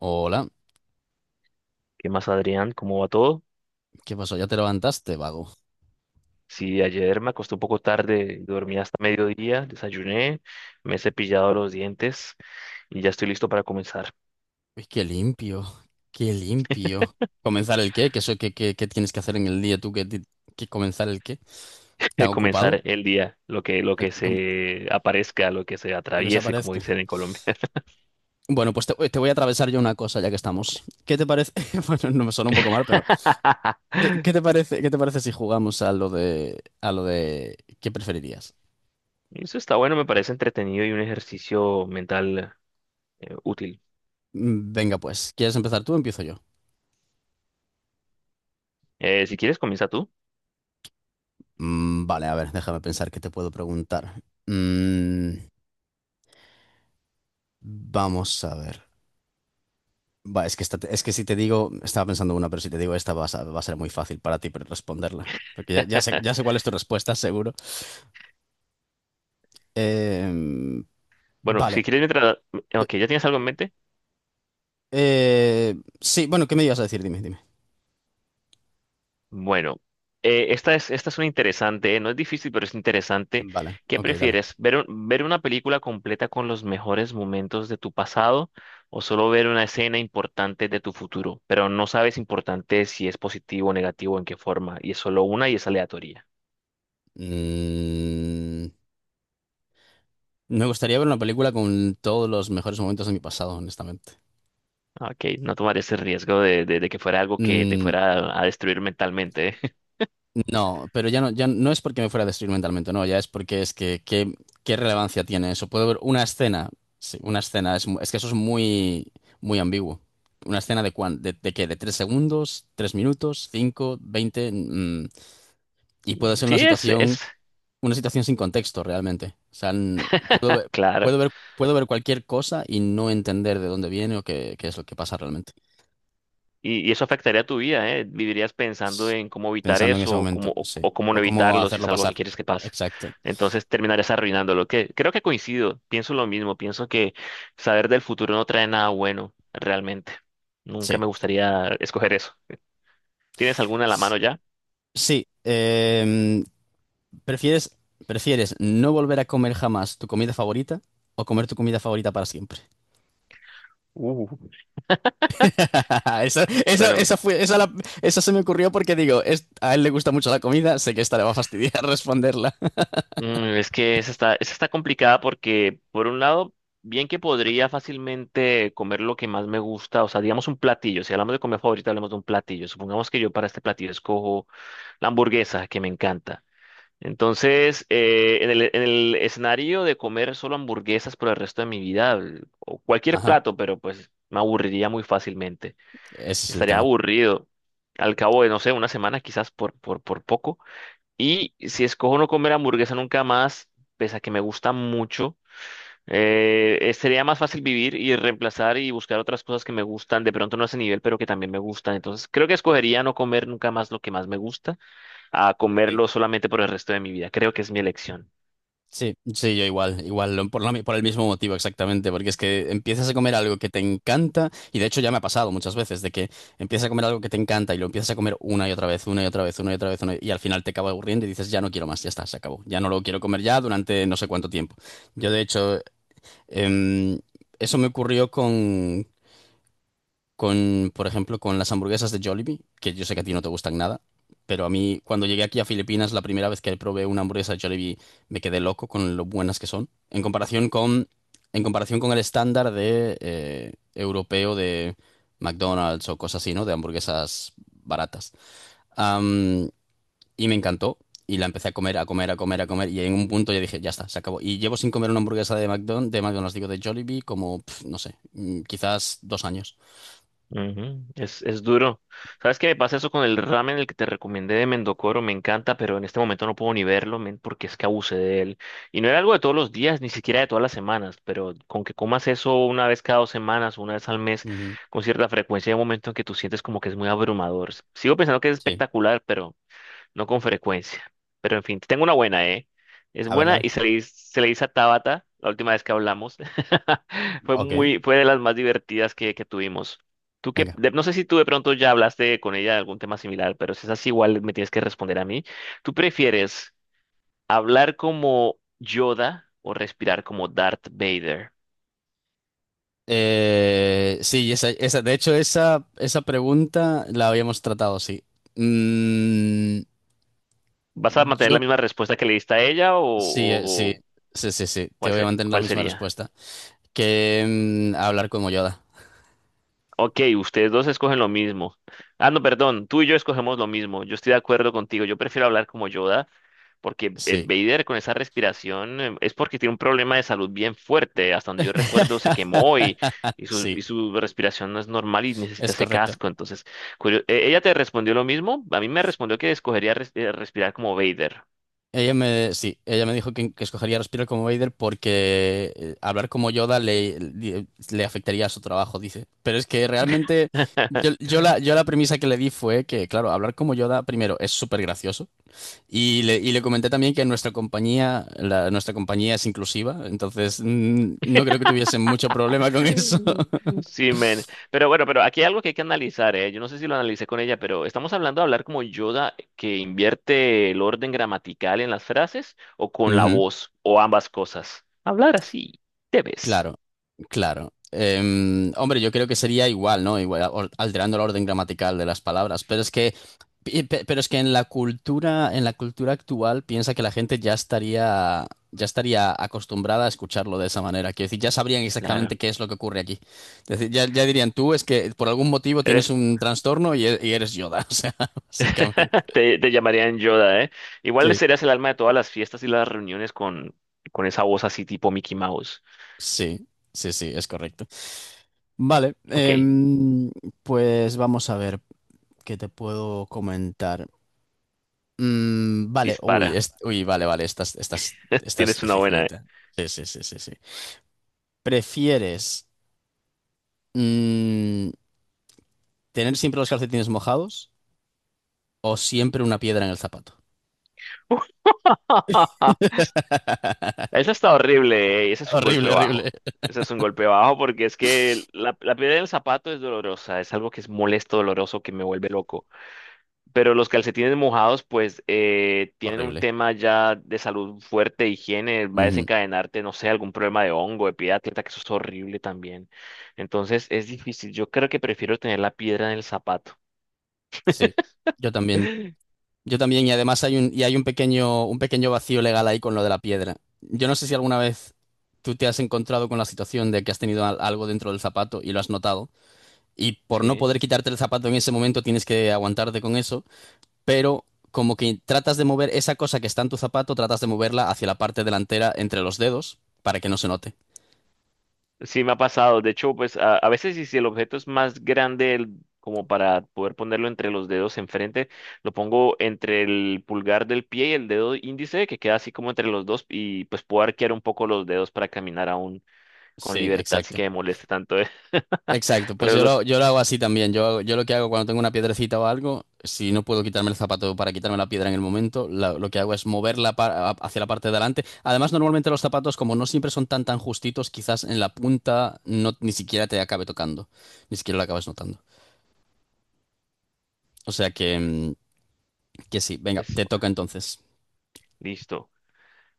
Hola, ¿Qué más, Adrián? ¿Cómo va todo? ¿qué pasó? ¿Ya te levantaste, vago? Sí, ayer me acosté un poco tarde, dormí hasta mediodía, desayuné, me he cepillado los dientes y ya estoy listo para comenzar, Uy, qué limpio, qué limpio. ¿Comenzar el qué? ¿Qué, qué tienes que hacer en el día tú? ¿Qué comenzar el qué? ¿Tan ocupado? comenzar el día, lo que, lo El- que com- se aparezca, lo que se Lo que se atraviese, como aparezca. dicen en Colombia. Bueno, pues te, te voy a atravesar yo una cosa ya que estamos. ¿Qué te parece? Bueno, no me suena un poco mal, pero ¿qué te parece, qué te parece si jugamos a a lo de ¿qué preferirías? Eso está bueno, me parece entretenido y un ejercicio mental útil. Venga, pues, ¿quieres empezar tú o empiezo yo? Si quieres, comienza tú. Vale, a ver, déjame pensar qué te puedo preguntar. Mm, Vamos a ver. Va, es que si te digo, estaba pensando una, pero si te digo esta va a, va a ser muy fácil para ti responderla. Porque ya sé cuál es tu respuesta, seguro. Eh, Bueno, vale. si quieres, mientras. Ok, ¿ya tienes algo en mente? Eh, sí, bueno, ¿qué me ibas a decir? Dime, dime. Bueno, esta es una interesante, ¿eh? No es difícil, pero es interesante. Vale, ¿Qué ok, dale. prefieres? ¿Ver, ver una película completa con los mejores momentos de tu pasado o solo ver una escena importante de tu futuro? Pero no sabes importante si es positivo o negativo, en qué forma, y es solo una y es aleatoria. Mm, Me gustaría ver una película con todos los mejores momentos de mi pasado, honestamente. Ah, ok, no tomar ese riesgo de, de que fuera algo que te Mm, fuera a destruir mentalmente, ¿eh? No, pero ya no, ya no es porque me fuera a destruir mentalmente, no, ya es porque es que qué, qué relevancia tiene eso. Puedo ver una escena, sí, una escena, es que eso es muy, muy ambiguo. Una escena de de qué, de tres segundos, tres minutos, cinco, veinte, y puede ser Sí, es, es una situación sin contexto realmente. O sea, puedo ver, claro. puedo ver, puedo ver cualquier cosa y no entender de dónde viene o qué, qué es lo que pasa realmente. Y eso afectaría tu vida, ¿eh? Vivirías pensando S- en cómo evitar Pensando en ese eso o momento, cómo, o, sí. o cómo no O cómo evitarlo si hacerlo es algo pasar. que quieres que pase. Exacto. Entonces terminarías arruinándolo. Que creo que coincido, pienso lo mismo, pienso que saber del futuro no trae nada bueno, realmente. Nunca Sí. me gustaría escoger eso. ¿Tienes alguna en la mano ya? Sí, ¿prefieres, ¿prefieres no volver a comer jamás tu comida favorita o comer tu comida favorita para siempre? Uh, Esa, esa, Bueno, esa fue, esa, la- Esa se me ocurrió porque digo, a él le gusta mucho la comida, sé que esta le va a fastidiar responderla. Es que esa está complicada porque, por un lado, bien que podría fácilmente comer lo que más me gusta, o sea, digamos un platillo, si hablamos de comida favorita, hablamos de un platillo. Supongamos que yo para este platillo escojo la hamburguesa, que me encanta. Entonces, en el escenario de comer solo hamburguesas por el resto de mi vida, o cualquier Ajá, plato, pero pues me aburriría muy fácilmente. ese es el Estaría tema. aburrido al cabo de, no sé, una semana quizás por poco. Y si escojo no comer hamburguesa nunca más, pese a que me gusta mucho, sería más fácil vivir y reemplazar y buscar otras cosas que me gustan, de pronto no a ese nivel, pero que también me gustan. Entonces, creo que escogería no comer nunca más lo que más me gusta a comerlo solamente por el resto de mi vida. Creo que es mi elección. Sí, sí, yo igual, igual, por el mismo motivo exactamente, porque es que empiezas a comer algo que te encanta, y de hecho ya me ha pasado muchas veces, de que empiezas a comer algo que te encanta y lo empiezas a comer una y otra vez, una y otra vez, una y otra vez, una y al final te acaba aburriendo y dices, ya no quiero más, ya está, se acabó, ya no lo quiero comer ya durante no sé cuánto tiempo. Yo de hecho, em, eso me ocurrió con, por ejemplo, con las hamburguesas de Jollibee, que yo sé que a ti no te gustan nada, pero a mí cuando llegué aquí a Filipinas, la primera vez que probé una hamburguesa de Jollibee, me quedé loco con lo buenas que son, en comparación con el estándar de europeo de McDonald's o cosas así, ¿no? De hamburguesas baratas. Am, y me encantó. Y la empecé a comer, a comer, a comer, a comer. Y en un punto ya dije, ya está, se acabó. Y llevo sin comer una hamburguesa de McDonald's, digo, de Jollibee, como, pf, no sé, quizás dos años. Ujú. Es duro. ¿Sabes qué me pasa eso con el ramen, el que te recomendé de Mendocoro? Me encanta, pero en este momento no puedo ni verlo, men, porque es que abusé de él. Y no era algo de todos los días, ni siquiera de todas las semanas, pero con que comas eso una vez cada 2 semanas, una vez al mes, Ujú. con cierta frecuencia, hay un momento en que tú sientes como que es muy abrumador. Sigo pensando que es Sí. espectacular, pero no con frecuencia. Pero en fin, te tengo una buena, ¿eh? Es A ver, buena dale. y se le, se le dice a Tabata la última vez que hablamos. Fue Ok, muy, fue de las más divertidas que tuvimos. Tú que, venga. No sé si tú de pronto ya hablaste con ella de algún tema similar, pero si es así, igual me tienes que responder a mí. ¿Tú prefieres hablar como Yoda o respirar como Darth Vader? Sí, esa, de hecho, esa pregunta la habíamos tratado, sí. Mm, ¿Vas a mantener la yo, misma respuesta que le diste a ella o, sí, o- sí, o sí, sí, sí, te cuál voy a sería? mantener la ¿Cuál misma sería? respuesta. Que hablar como Yoda, Ok, ustedes dos escogen lo mismo. Ah, no, perdón, tú y yo escogemos lo mismo. Yo estoy de acuerdo contigo. Yo prefiero hablar como Yoda porque sí. Vader con esa respiración es porque tiene un problema de salud bien fuerte. Hasta donde yo recuerdo se quemó y, y, su, y Sí, su respiración no es normal y necesita es ese correcto. casco. Entonces, ella te respondió lo mismo. A mí me respondió que escogería respirar como Vader. Ella me, sí, ella me dijo que escogería respirar como Vader porque hablar como Yoda le afectaría a su trabajo, dice. Pero es que realmente yo la premisa que le di fue que, claro, hablar como Yoda, primero, es súper gracioso. Y y le comenté también que nuestra compañía, nuestra compañía es inclusiva, entonces no creo que tuviesen mucho problema con eso. Sí, men. Pero bueno, pero aquí hay algo que hay que analizar, ¿eh? Yo no sé si lo analicé con ella, pero ¿estamos hablando de hablar como Yoda, que invierte el orden gramatical en las frases, o con la Ujú. voz, o ambas cosas? Hablar así, debes. Claro, claro. Em, hombre, yo creo que sería igual, ¿no? Igual, alterando el orden gramatical de las palabras, pero es que, pero es que en la cultura actual, piensa que la gente ya estaría acostumbrada a escucharlo de esa manera. Quiero decir, ya sabrían exactamente Claro. qué es lo que ocurre aquí. Es decir, ya, ya dirían, tú es que por algún motivo tienes Eres. un trastorno y, y eres Yoda, o sea, básicamente. Te llamarían Yoda, ¿eh? Igual le Sí, serías el alma de todas las fiestas y las reuniones con esa voz así tipo Mickey Mouse. sí, sí, sí, es correcto. Vale, Ok, em, pues vamos a ver. ¿Qué te puedo comentar? Mm, vale, uy, dispara. es- uy, vale, Vale, esta, esta es Tienes una buena, ¿eh? dificilita. Sí, sí, sí, sí, sí. ¿Prefieres mm, tener siempre los calcetines mojados o siempre una piedra en el zapato? Eso está horrible, ese es un Horrible, golpe bajo. horrible. Ese es un golpe bajo porque es que la piedra del zapato es dolorosa, es algo que es molesto, doloroso, que me vuelve loco. Pero los calcetines mojados, pues, tienen un Horrible. tema ya de salud fuerte, higiene, va a Ujú. desencadenarte, no sé, algún problema de hongo, de piedra, atleta, que eso es horrible también. Entonces es difícil. Yo creo que prefiero tener la piedra en el zapato. Sí, yo también. Yo también, y además hay un pequeño vacío legal ahí con lo de la piedra. Yo no sé si alguna vez tú te has encontrado con la situación de que has tenido algo dentro del zapato y lo has notado. Y por no Sí. poder quitarte el zapato en ese momento tienes que aguantarte con eso, pero como que tratas de mover esa cosa que está en tu zapato, tratas de moverla hacia la parte delantera entre los dedos para que no se note. Sí, me ha pasado. De hecho, pues a veces y si el objeto es más grande, como para poder ponerlo entre los dedos enfrente, lo pongo entre el pulgar del pie y el dedo índice, que queda así como entre los dos, y pues puedo arquear un poco los dedos para caminar aún con Sí, libertad sin exacto. que me moleste tanto. ¿Eh? Exacto, pues Pero los... yo lo hago así también. Yo lo que hago cuando tengo una piedrecita o algo, si no puedo quitarme el zapato para quitarme la piedra en el momento, lo que hago es moverla hacia la parte de adelante. Además, normalmente los zapatos, como no siempre son tan tan justitos, quizás en la punta no, ni siquiera te acabe tocando, ni siquiera lo acabas notando. O sea que, que sí, venga, te Pues, toca entonces. listo.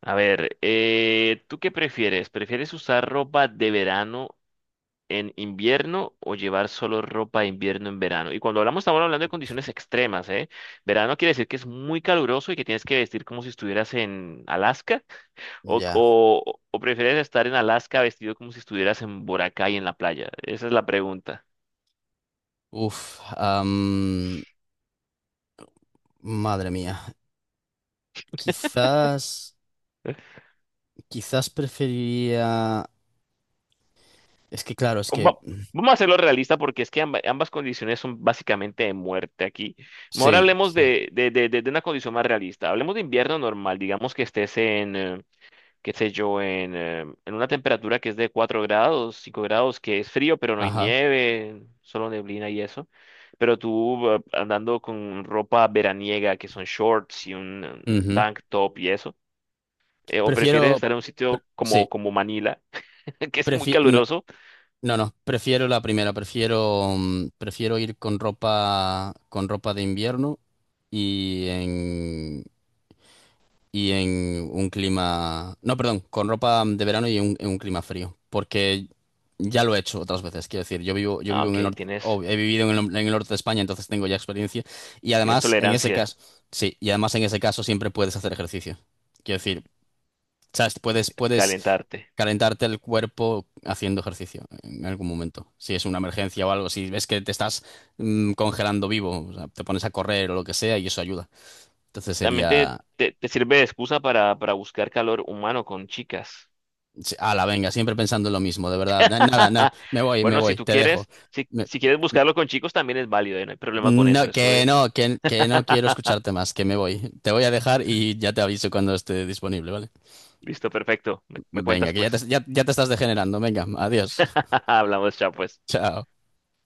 A ver, ¿tú qué prefieres? ¿Prefieres usar ropa de verano en invierno o llevar solo ropa de invierno en verano? Y cuando hablamos, estamos hablando de condiciones extremas, ¿eh? Verano quiere decir que es muy caluroso y que tienes que vestir como si estuvieras en Alaska, o, Ya. o prefieres estar en Alaska vestido como si estuvieras en Boracay en la playa. Esa es la pregunta. Uf. Madre mía. Quizás. Quizás preferiría. Es que claro, es que. Va- Mm, Vamos a hacerlo realista porque es que ambas condiciones son básicamente de muerte aquí. Mejor Sí, hablemos sí. De, de una condición más realista. Hablemos de invierno normal, digamos que estés en, qué sé yo, en, en una temperatura que es de 4 grados, 5 grados, que es frío, pero no hay Ajá. nieve, solo neblina y eso. Pero tú andando con ropa veraniega, que son shorts y un Ujú. tank top y eso. ¿O prefieres Prefiero. estar en un sitio Sí. como, como Manila que es muy No, caluroso? no, no, prefiero la primera. Prefiero. Prefiero ir con ropa. Con ropa de invierno. Y en. Y en un clima... No, perdón, con ropa de verano y en un clima frío. Porque ya lo he hecho otras veces. Quiero decir, yo Ah, vivo en el ok, norte, tienes, o he vivido en en el norte de España, entonces tengo ya experiencia. Y tienes además, en ese tolerancia caso, sí, y además en ese caso siempre puedes hacer ejercicio. Quiero decir, sabes, a puedes calentarte. calentarte el cuerpo haciendo ejercicio en algún momento. Si es una emergencia o algo, si ves que te estás congelando vivo, o sea, te pones a correr o lo que sea y eso ayuda. Entonces También te, sería te sirve de excusa para buscar calor humano con chicas. sí, ala, venga, siempre pensando en lo mismo, de verdad. Nada, no, me Bueno, si voy, tú te dejo. quieres, si, Me- si quieres buscarlo con chicos, también es válido, ¿eh? No hay problema con eso, No, eso es. Que no quiero escucharte más, que me voy. Te voy a dejar y ya te aviso cuando esté disponible, ¿vale? Listo, perfecto. Me Venga, cuentas que ya pues. Ya te estás degenerando, venga, adiós. Hablamos, chao pues. Chao.